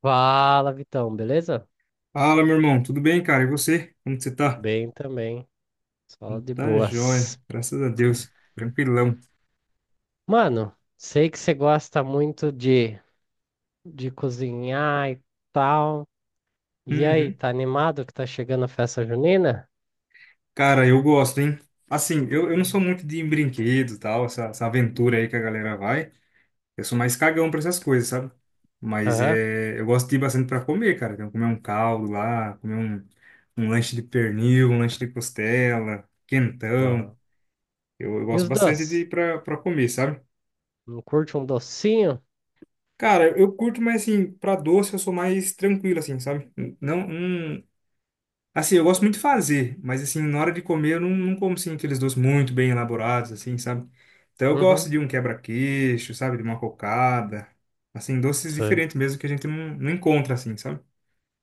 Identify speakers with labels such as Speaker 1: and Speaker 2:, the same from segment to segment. Speaker 1: Fala, Vitão, beleza?
Speaker 2: Fala, meu irmão, tudo bem, cara? E você? Como que você tá?
Speaker 1: Bem também, só
Speaker 2: Então
Speaker 1: de
Speaker 2: tá
Speaker 1: boas.
Speaker 2: jóia, graças a Deus, tranquilão.
Speaker 1: Mano, sei que você gosta muito de cozinhar e tal. E aí,
Speaker 2: Uhum.
Speaker 1: tá animado que tá chegando a festa junina?
Speaker 2: Cara, eu gosto, hein? Assim, eu não sou muito de brinquedo e tal, essa aventura aí que a galera vai. Eu sou mais cagão pra essas coisas, sabe? Mas
Speaker 1: Aham.
Speaker 2: é, eu gosto de ir bastante pra comer, cara. Então, comer um caldo lá, comer um lanche de pernil, um lanche de costela, quentão.
Speaker 1: Aham.
Speaker 2: Eu
Speaker 1: E
Speaker 2: gosto
Speaker 1: os
Speaker 2: bastante de
Speaker 1: doces?
Speaker 2: ir pra comer, sabe?
Speaker 1: Não curte um docinho?
Speaker 2: Cara, eu curto, mas assim, pra doce eu sou mais tranquilo, assim, sabe? Não, não. Assim, eu gosto muito de fazer, mas assim, na hora de comer eu não como, assim, aqueles doces muito bem elaborados, assim, sabe? Então eu
Speaker 1: Uhum.
Speaker 2: gosto de um quebra-queixo, sabe? De uma cocada. Assim, doces
Speaker 1: Sei.
Speaker 2: diferentes mesmo que a gente não encontra, assim, sabe?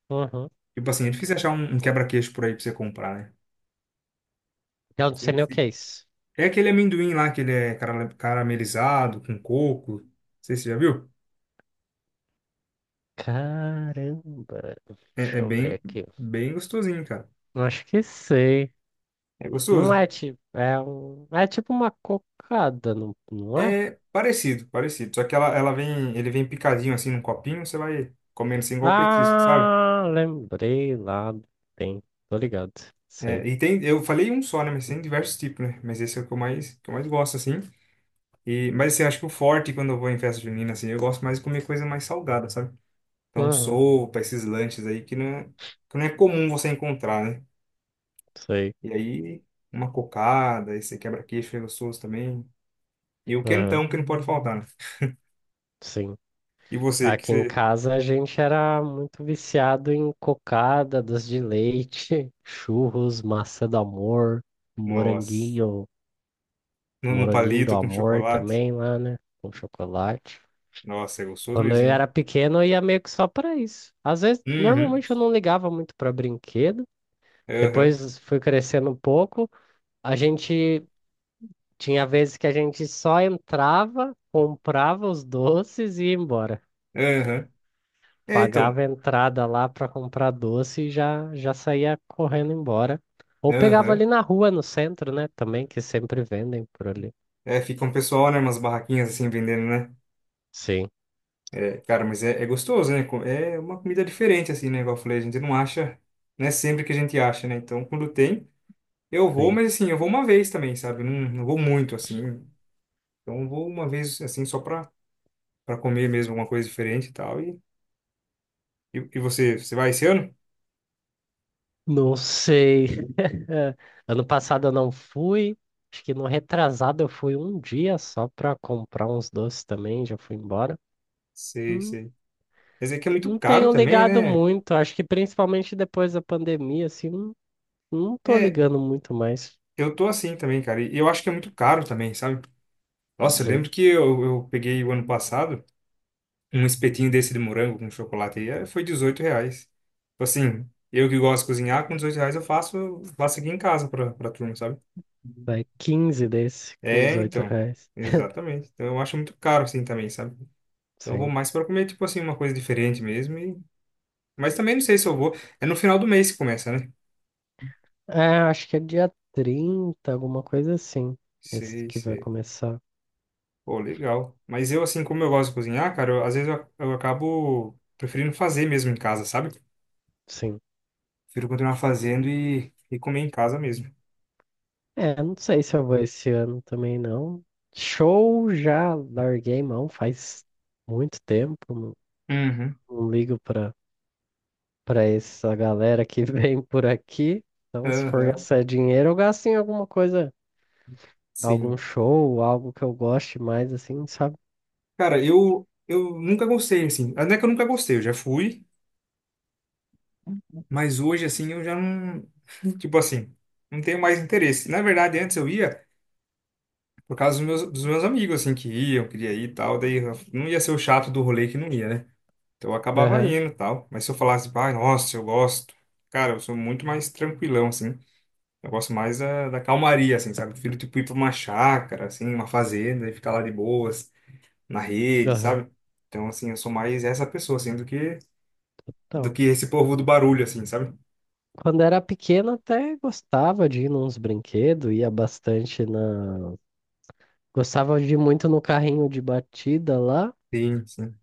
Speaker 1: Uhum.
Speaker 2: Tipo assim, é difícil achar um quebra-queixo por aí pra você comprar, né?
Speaker 1: Eu não sei
Speaker 2: Sim,
Speaker 1: nem o que
Speaker 2: sim.
Speaker 1: é isso.
Speaker 2: É aquele amendoim lá que ele é caramelizado com coco. Não sei se você já viu.
Speaker 1: Caramba,
Speaker 2: É
Speaker 1: deixa eu ver
Speaker 2: bem,
Speaker 1: aqui.
Speaker 2: bem gostosinho, cara.
Speaker 1: Eu Acho que sei.
Speaker 2: É
Speaker 1: Não
Speaker 2: gostoso.
Speaker 1: é tipo, é um, é tipo uma cocada, não, não é?
Speaker 2: É parecido, parecido. Só que ele vem picadinho assim num copinho, você vai comendo assim igual petisco, sabe?
Speaker 1: Ah, lembrei lá do tempo. Tô ligado.
Speaker 2: É,
Speaker 1: Sei.
Speaker 2: e tem, eu falei um só, né? Mas tem diversos tipos, né? Mas esse é o que eu mais gosto, assim. E, mas assim, acho que o forte quando eu vou em festa junina, assim, eu gosto mais de comer coisa mais salgada, sabe? Então,
Speaker 1: Uhum.
Speaker 2: sopa, esses lanches aí que não é comum você encontrar, né?
Speaker 1: Sei.
Speaker 2: E aí, uma cocada, esse quebra-queixo é gostoso também. E o
Speaker 1: Uhum.
Speaker 2: quentão que não pode faltar, né?
Speaker 1: Sim.
Speaker 2: E você, que
Speaker 1: Aqui em
Speaker 2: você.
Speaker 1: casa a gente era muito viciado em cocada, doce de leite, churros, maçã do amor,
Speaker 2: Nossa,
Speaker 1: moranguinho,
Speaker 2: no
Speaker 1: moranguinho do
Speaker 2: palito com
Speaker 1: amor
Speaker 2: chocolate.
Speaker 1: também lá, né? Com chocolate.
Speaker 2: Nossa, é gostoso
Speaker 1: Quando eu
Speaker 2: mesmo, hein?
Speaker 1: era pequeno, eu ia meio que só pra isso. Às vezes,
Speaker 2: Uhum,
Speaker 1: normalmente eu não ligava muito pra brinquedo.
Speaker 2: aham,
Speaker 1: Depois fui crescendo um pouco. A gente Tinha vezes que a gente só entrava, comprava os doces e ia embora.
Speaker 2: aham. É,
Speaker 1: Pagava
Speaker 2: então,
Speaker 1: a entrada lá para comprar doce e já, já saía correndo embora. Ou pegava ali
Speaker 2: aham.
Speaker 1: na rua, no centro, né? Também, que sempre vendem por ali.
Speaker 2: É, fica um pessoal, né, umas barraquinhas assim vendendo, né?
Speaker 1: Sim,
Speaker 2: É, cara, mas é gostoso, né? É uma comida diferente, assim, né? Igual eu falei, a gente não acha, não é sempre que a gente acha, né? Então, quando tem, eu vou,
Speaker 1: sim.
Speaker 2: mas assim, eu vou uma vez também, sabe? Eu não vou muito, assim. Então, eu vou uma vez, assim, só pra comer mesmo alguma coisa diferente e tal. E você vai esse ano?
Speaker 1: Não sei. É, ano passado eu não fui. Acho que no retrasado eu fui um dia só para comprar uns doces também, já fui embora.
Speaker 2: Sei,
Speaker 1: Hum,
Speaker 2: sei. Mas é que é muito
Speaker 1: Não
Speaker 2: caro
Speaker 1: tenho
Speaker 2: também,
Speaker 1: ligado
Speaker 2: né?
Speaker 1: muito, acho que principalmente depois da pandemia, assim, não tô
Speaker 2: É,
Speaker 1: ligando muito mais.
Speaker 2: eu tô assim também, cara. E eu acho que é muito caro também, sabe? Nossa, eu
Speaker 1: Sim.
Speaker 2: lembro que eu peguei o ano passado um espetinho desse de morango com chocolate e foi R$ 18. Tipo assim, eu que gosto de cozinhar, com R$ 18 eu faço aqui em casa pra turma, sabe?
Speaker 1: Vai 15 desse com
Speaker 2: É,
Speaker 1: 18
Speaker 2: então.
Speaker 1: reais.
Speaker 2: Exatamente. Então eu acho muito caro assim também, sabe? Então eu vou
Speaker 1: Sim.
Speaker 2: mais pra comer, tipo assim, uma coisa diferente mesmo. E. Mas também não sei se eu vou. É no final do mês que começa, né?
Speaker 1: É, acho que é dia 30 alguma coisa assim. Esse
Speaker 2: Sei,
Speaker 1: que vai
Speaker 2: sei.
Speaker 1: começar.
Speaker 2: Pô, legal. Mas eu, assim, como eu gosto de cozinhar, cara, às vezes eu acabo preferindo fazer mesmo em casa, sabe?
Speaker 1: Sim.
Speaker 2: Prefiro continuar fazendo e comer em casa mesmo.
Speaker 1: É, não sei se eu vou esse ano também não. Show já larguei mão faz muito tempo. Não,
Speaker 2: Uhum.
Speaker 1: não ligo pra essa galera que vem por aqui. Então, se for
Speaker 2: Aham.
Speaker 1: gastar dinheiro, eu gasto em alguma coisa, algum
Speaker 2: Sim.
Speaker 1: show, algo que eu goste mais, assim, sabe?
Speaker 2: Cara, eu nunca gostei, assim. Não é que eu nunca gostei, eu já fui, mas hoje, assim, eu já não. Tipo assim, não tenho mais interesse. Na verdade, antes eu ia por causa dos meus amigos, assim, que iam, queria ir e tal, daí eu não ia ser o chato do rolê que não ia, né? Então eu acabava
Speaker 1: Aham,
Speaker 2: indo e tal. Mas se eu falasse, pai, nossa, eu gosto. Cara, eu sou muito mais tranquilão, assim. Eu gosto mais da calmaria, assim, sabe? Eu prefiro, tipo, ir pra uma chácara, assim, uma fazenda e ficar lá de boas, na rede,
Speaker 1: aham.
Speaker 2: sabe? Então, assim, eu sou mais essa pessoa, assim, do
Speaker 1: Então,
Speaker 2: que esse povo do barulho, assim, sabe?
Speaker 1: quando era pequeno até gostava de ir nos brinquedos, ia bastante na... Gostava de ir muito no carrinho de batida lá,
Speaker 2: Sim, sim.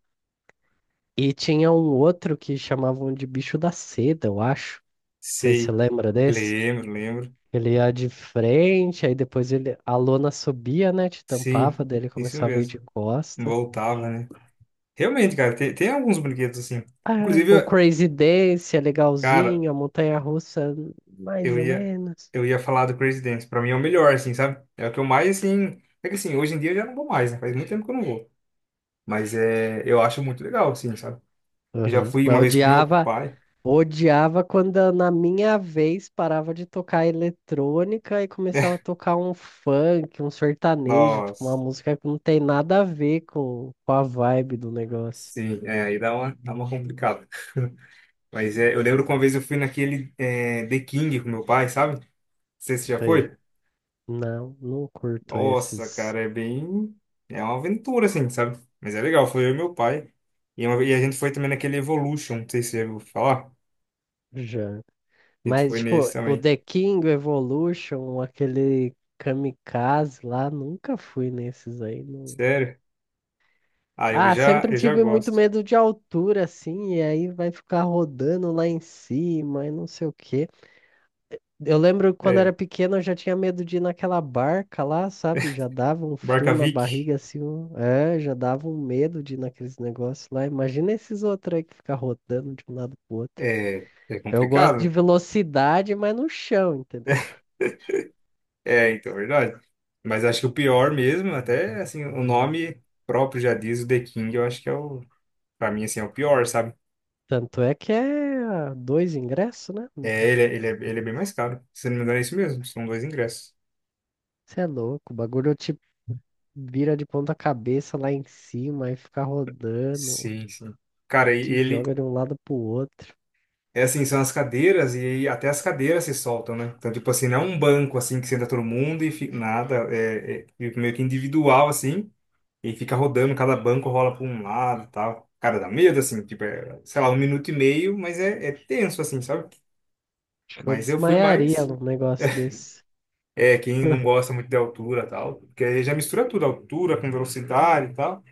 Speaker 1: e tinha um outro que chamavam de bicho da seda, eu acho. Não sei se você
Speaker 2: Sei.
Speaker 1: lembra desse.
Speaker 2: Lembro, lembro.
Speaker 1: Ele ia de frente, aí depois ele... a lona subia, né, te
Speaker 2: Sim,
Speaker 1: tampava, daí ele
Speaker 2: isso
Speaker 1: começava a ir
Speaker 2: mesmo.
Speaker 1: de costa.
Speaker 2: Voltava, né? Realmente, cara, tem alguns brinquedos, assim.
Speaker 1: Ah, o
Speaker 2: Inclusive,
Speaker 1: Crazy Dance é
Speaker 2: cara,
Speaker 1: legalzinho, a montanha-russa mais
Speaker 2: Eu
Speaker 1: ou
Speaker 2: ia,
Speaker 1: menos.
Speaker 2: eu ia falar do Crazy Dance. Pra mim é o melhor, assim, sabe? É o que eu mais, assim. É que assim, hoje em dia eu já não vou mais, né? Faz muito tempo que eu não vou. Mas é, eu acho muito legal, assim, sabe? Eu já
Speaker 1: Aham.
Speaker 2: fui
Speaker 1: Mas
Speaker 2: uma
Speaker 1: eu
Speaker 2: vez com meu
Speaker 1: odiava
Speaker 2: pai.
Speaker 1: Odiava quando na minha vez parava de tocar eletrônica e começava a tocar um funk, um sertanejo, tipo uma
Speaker 2: Nossa,
Speaker 1: música que não tem nada a ver com a vibe do negócio.
Speaker 2: sim, é, aí dá uma complicada. Mas é, eu lembro que uma vez eu fui naquele The King com meu pai, sabe? Não sei se você já
Speaker 1: Sei.
Speaker 2: foi.
Speaker 1: Não, não curto
Speaker 2: Nossa,
Speaker 1: esses
Speaker 2: cara, é bem. É uma aventura, assim, sabe? Mas é legal, foi eu e meu pai. E a gente foi também naquele Evolution, não sei se você já ouviu falar.
Speaker 1: já.
Speaker 2: A gente
Speaker 1: Mas,
Speaker 2: foi nesse
Speaker 1: tipo, o
Speaker 2: também.
Speaker 1: The King, o Evolution, aquele Kamikaze lá, nunca fui nesses aí.
Speaker 2: Sério? Ah, eu
Speaker 1: Ah,
Speaker 2: já,
Speaker 1: sempre
Speaker 2: eu já
Speaker 1: tive muito
Speaker 2: gosto.
Speaker 1: medo de altura, assim, e aí vai ficar rodando lá em cima e não sei o quê. Eu lembro que quando era
Speaker 2: É,
Speaker 1: pequeno eu já tinha medo de ir naquela barca lá, sabe? Já dava um frio na
Speaker 2: Barkavik
Speaker 1: barriga assim, é, já dava um medo de ir naqueles negócios lá. Imagina esses outros aí que fica rodando de um lado pro outro.
Speaker 2: é
Speaker 1: Eu gosto
Speaker 2: complicado.
Speaker 1: de velocidade, mas no chão, entendeu?
Speaker 2: É, então, verdade. Mas acho que o pior mesmo, até assim, o nome próprio já diz, o The King, eu acho que é o, pra mim, assim, é o pior, sabe?
Speaker 1: Tanto é que é dois ingressos, né?
Speaker 2: É, ele é bem mais caro. Se não me engano, é isso mesmo, são dois ingressos.
Speaker 1: Você é louco, o bagulho te vira de ponta cabeça lá em cima e fica rodando,
Speaker 2: Sim, sim. Cara, e
Speaker 1: te
Speaker 2: ele,
Speaker 1: joga de um lado pro outro.
Speaker 2: é assim, são as cadeiras e aí até as cadeiras se soltam, né? Então, tipo assim, não é um banco, assim, que senta todo mundo e fica, nada, é meio que individual, assim. E fica rodando, cada banco rola para um lado e tal. Cara, dá medo, assim, tipo, é, sei lá, 1 minuto e meio, mas é tenso, assim, sabe?
Speaker 1: Acho que eu
Speaker 2: Mas eu fui
Speaker 1: desmaiaria
Speaker 2: mais.
Speaker 1: num negócio desse.
Speaker 2: É, quem não gosta muito de altura e tal, porque aí já mistura tudo, altura com velocidade e tal.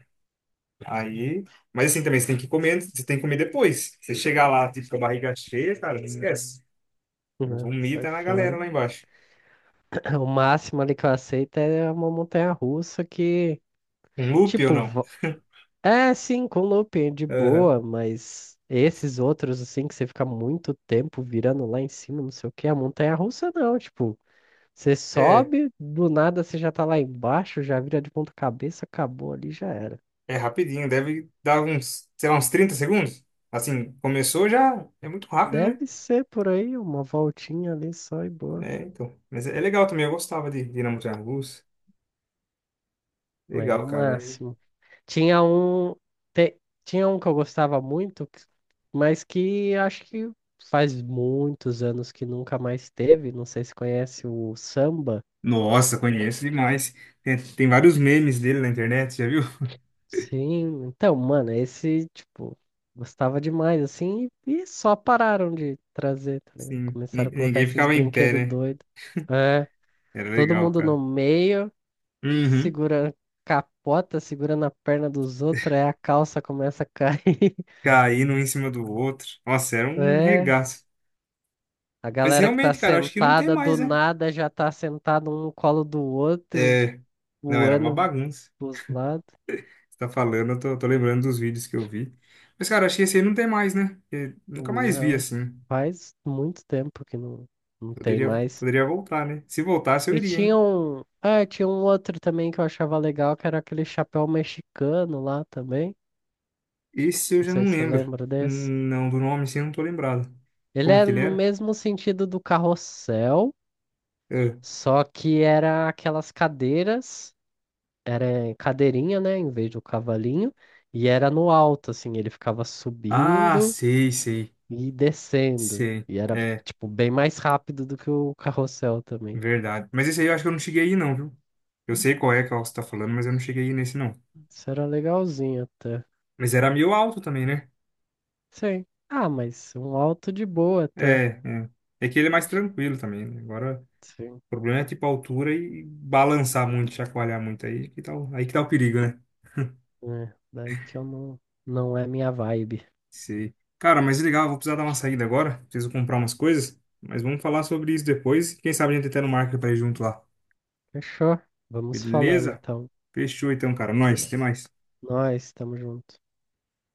Speaker 2: Aí, mas assim também, você tem que comer, você tem que comer depois. Você chegar lá, tipo, com a barriga cheia, cara, esquece.
Speaker 1: Não, sai
Speaker 2: Vomita na galera
Speaker 1: fora.
Speaker 2: lá embaixo.
Speaker 1: O máximo ali que eu aceito é uma montanha-russa que,
Speaker 2: Um loop ou
Speaker 1: tipo,
Speaker 2: não?
Speaker 1: é sim, com looping de
Speaker 2: Aham.
Speaker 1: boa, mas esses outros, assim, que você fica muito tempo virando lá em cima, não sei o que, a montanha-russa não, tipo, você
Speaker 2: É,
Speaker 1: sobe, do nada você já tá lá embaixo, já vira de ponta cabeça, acabou ali, já era.
Speaker 2: é rapidinho, deve dar uns, sei lá, uns 30 segundos. Assim, começou já, é muito rápido, né?
Speaker 1: Deve ser por aí, uma voltinha ali só e boa,
Speaker 2: É, então. Mas é legal também, eu gostava de Dinamo de Angus.
Speaker 1: mas no
Speaker 2: Legal, cara.
Speaker 1: máximo. Tinha um, te- tinha um que eu gostava muito, mas que acho que faz muitos anos que nunca mais teve. Não sei se conhece o samba.
Speaker 2: Nossa, conheço demais. Tem vários memes dele na internet, já viu?
Speaker 1: Sim, então, mano, esse, tipo, gostava demais, assim, e só pararam de trazer, tá ligado?
Speaker 2: Sim,
Speaker 1: Começaram a colocar
Speaker 2: ninguém
Speaker 1: esses
Speaker 2: ficava em pé,
Speaker 1: brinquedos
Speaker 2: né?
Speaker 1: doidos. É,
Speaker 2: Era
Speaker 1: todo
Speaker 2: legal,
Speaker 1: mundo no
Speaker 2: cara.
Speaker 1: meio,
Speaker 2: Uhum.
Speaker 1: segurando capota, segurando a perna dos outros, aí a calça começa a cair.
Speaker 2: Caindo um em cima do outro. Nossa, era um
Speaker 1: É.
Speaker 2: regaço.
Speaker 1: A
Speaker 2: Mas
Speaker 1: galera que tá
Speaker 2: realmente, cara, acho que não tem
Speaker 1: sentada do
Speaker 2: mais, né?
Speaker 1: nada já tá sentada um no colo do outro,
Speaker 2: É, não, era uma
Speaker 1: voando
Speaker 2: bagunça.
Speaker 1: dos lados.
Speaker 2: Você tá falando, eu tô lembrando dos vídeos que eu vi. Mas, cara, acho que esse aí não tem mais, né? Eu nunca mais vi
Speaker 1: Não,
Speaker 2: assim.
Speaker 1: faz muito tempo que não, não tem
Speaker 2: Poderia,
Speaker 1: mais.
Speaker 2: poderia voltar, né? Se voltasse, eu
Speaker 1: E
Speaker 2: iria,
Speaker 1: tinha
Speaker 2: hein?
Speaker 1: um. Ah, tinha um outro também que eu achava legal, que era aquele chapéu mexicano lá também.
Speaker 2: Esse eu
Speaker 1: Não
Speaker 2: já
Speaker 1: sei
Speaker 2: não
Speaker 1: se você
Speaker 2: lembro.
Speaker 1: lembra desse.
Speaker 2: Não, do nome assim eu não tô lembrado.
Speaker 1: Ele
Speaker 2: Como que
Speaker 1: era
Speaker 2: ele
Speaker 1: no
Speaker 2: era?
Speaker 1: mesmo sentido do carrossel,
Speaker 2: É.
Speaker 1: só que era aquelas cadeiras era em cadeirinha, né, em vez do cavalinho, e era no alto, assim, ele ficava
Speaker 2: Ah,
Speaker 1: subindo
Speaker 2: sei, sei.
Speaker 1: e descendo,
Speaker 2: Sei.
Speaker 1: e era,
Speaker 2: É,
Speaker 1: tipo, bem mais rápido do que o carrossel também.
Speaker 2: verdade. Mas esse aí eu acho que eu não cheguei aí, não, viu? Eu sei qual é que você tá falando, mas eu não cheguei aí nesse, não.
Speaker 1: Isso era legalzinho até.
Speaker 2: Mas era meio alto também, né?
Speaker 1: Sim. Ah, mas um alto de boa
Speaker 2: É,
Speaker 1: até.
Speaker 2: é. É que ele é mais tranquilo também, né? Agora,
Speaker 1: Sim.
Speaker 2: o problema é tipo a altura e balançar muito, chacoalhar muito aí que tá o perigo, né?
Speaker 1: É, daí que eu não é minha vibe.
Speaker 2: Sei. Cara, mas legal, vou precisar dar uma saída agora. Preciso comprar umas coisas. Mas vamos falar sobre isso depois. Quem sabe a gente até no marca pra ir junto lá.
Speaker 1: Fechou? Vamos falando
Speaker 2: Beleza?
Speaker 1: então.
Speaker 2: Fechou então, cara. Nós, até mais.
Speaker 1: Nós estamos juntos.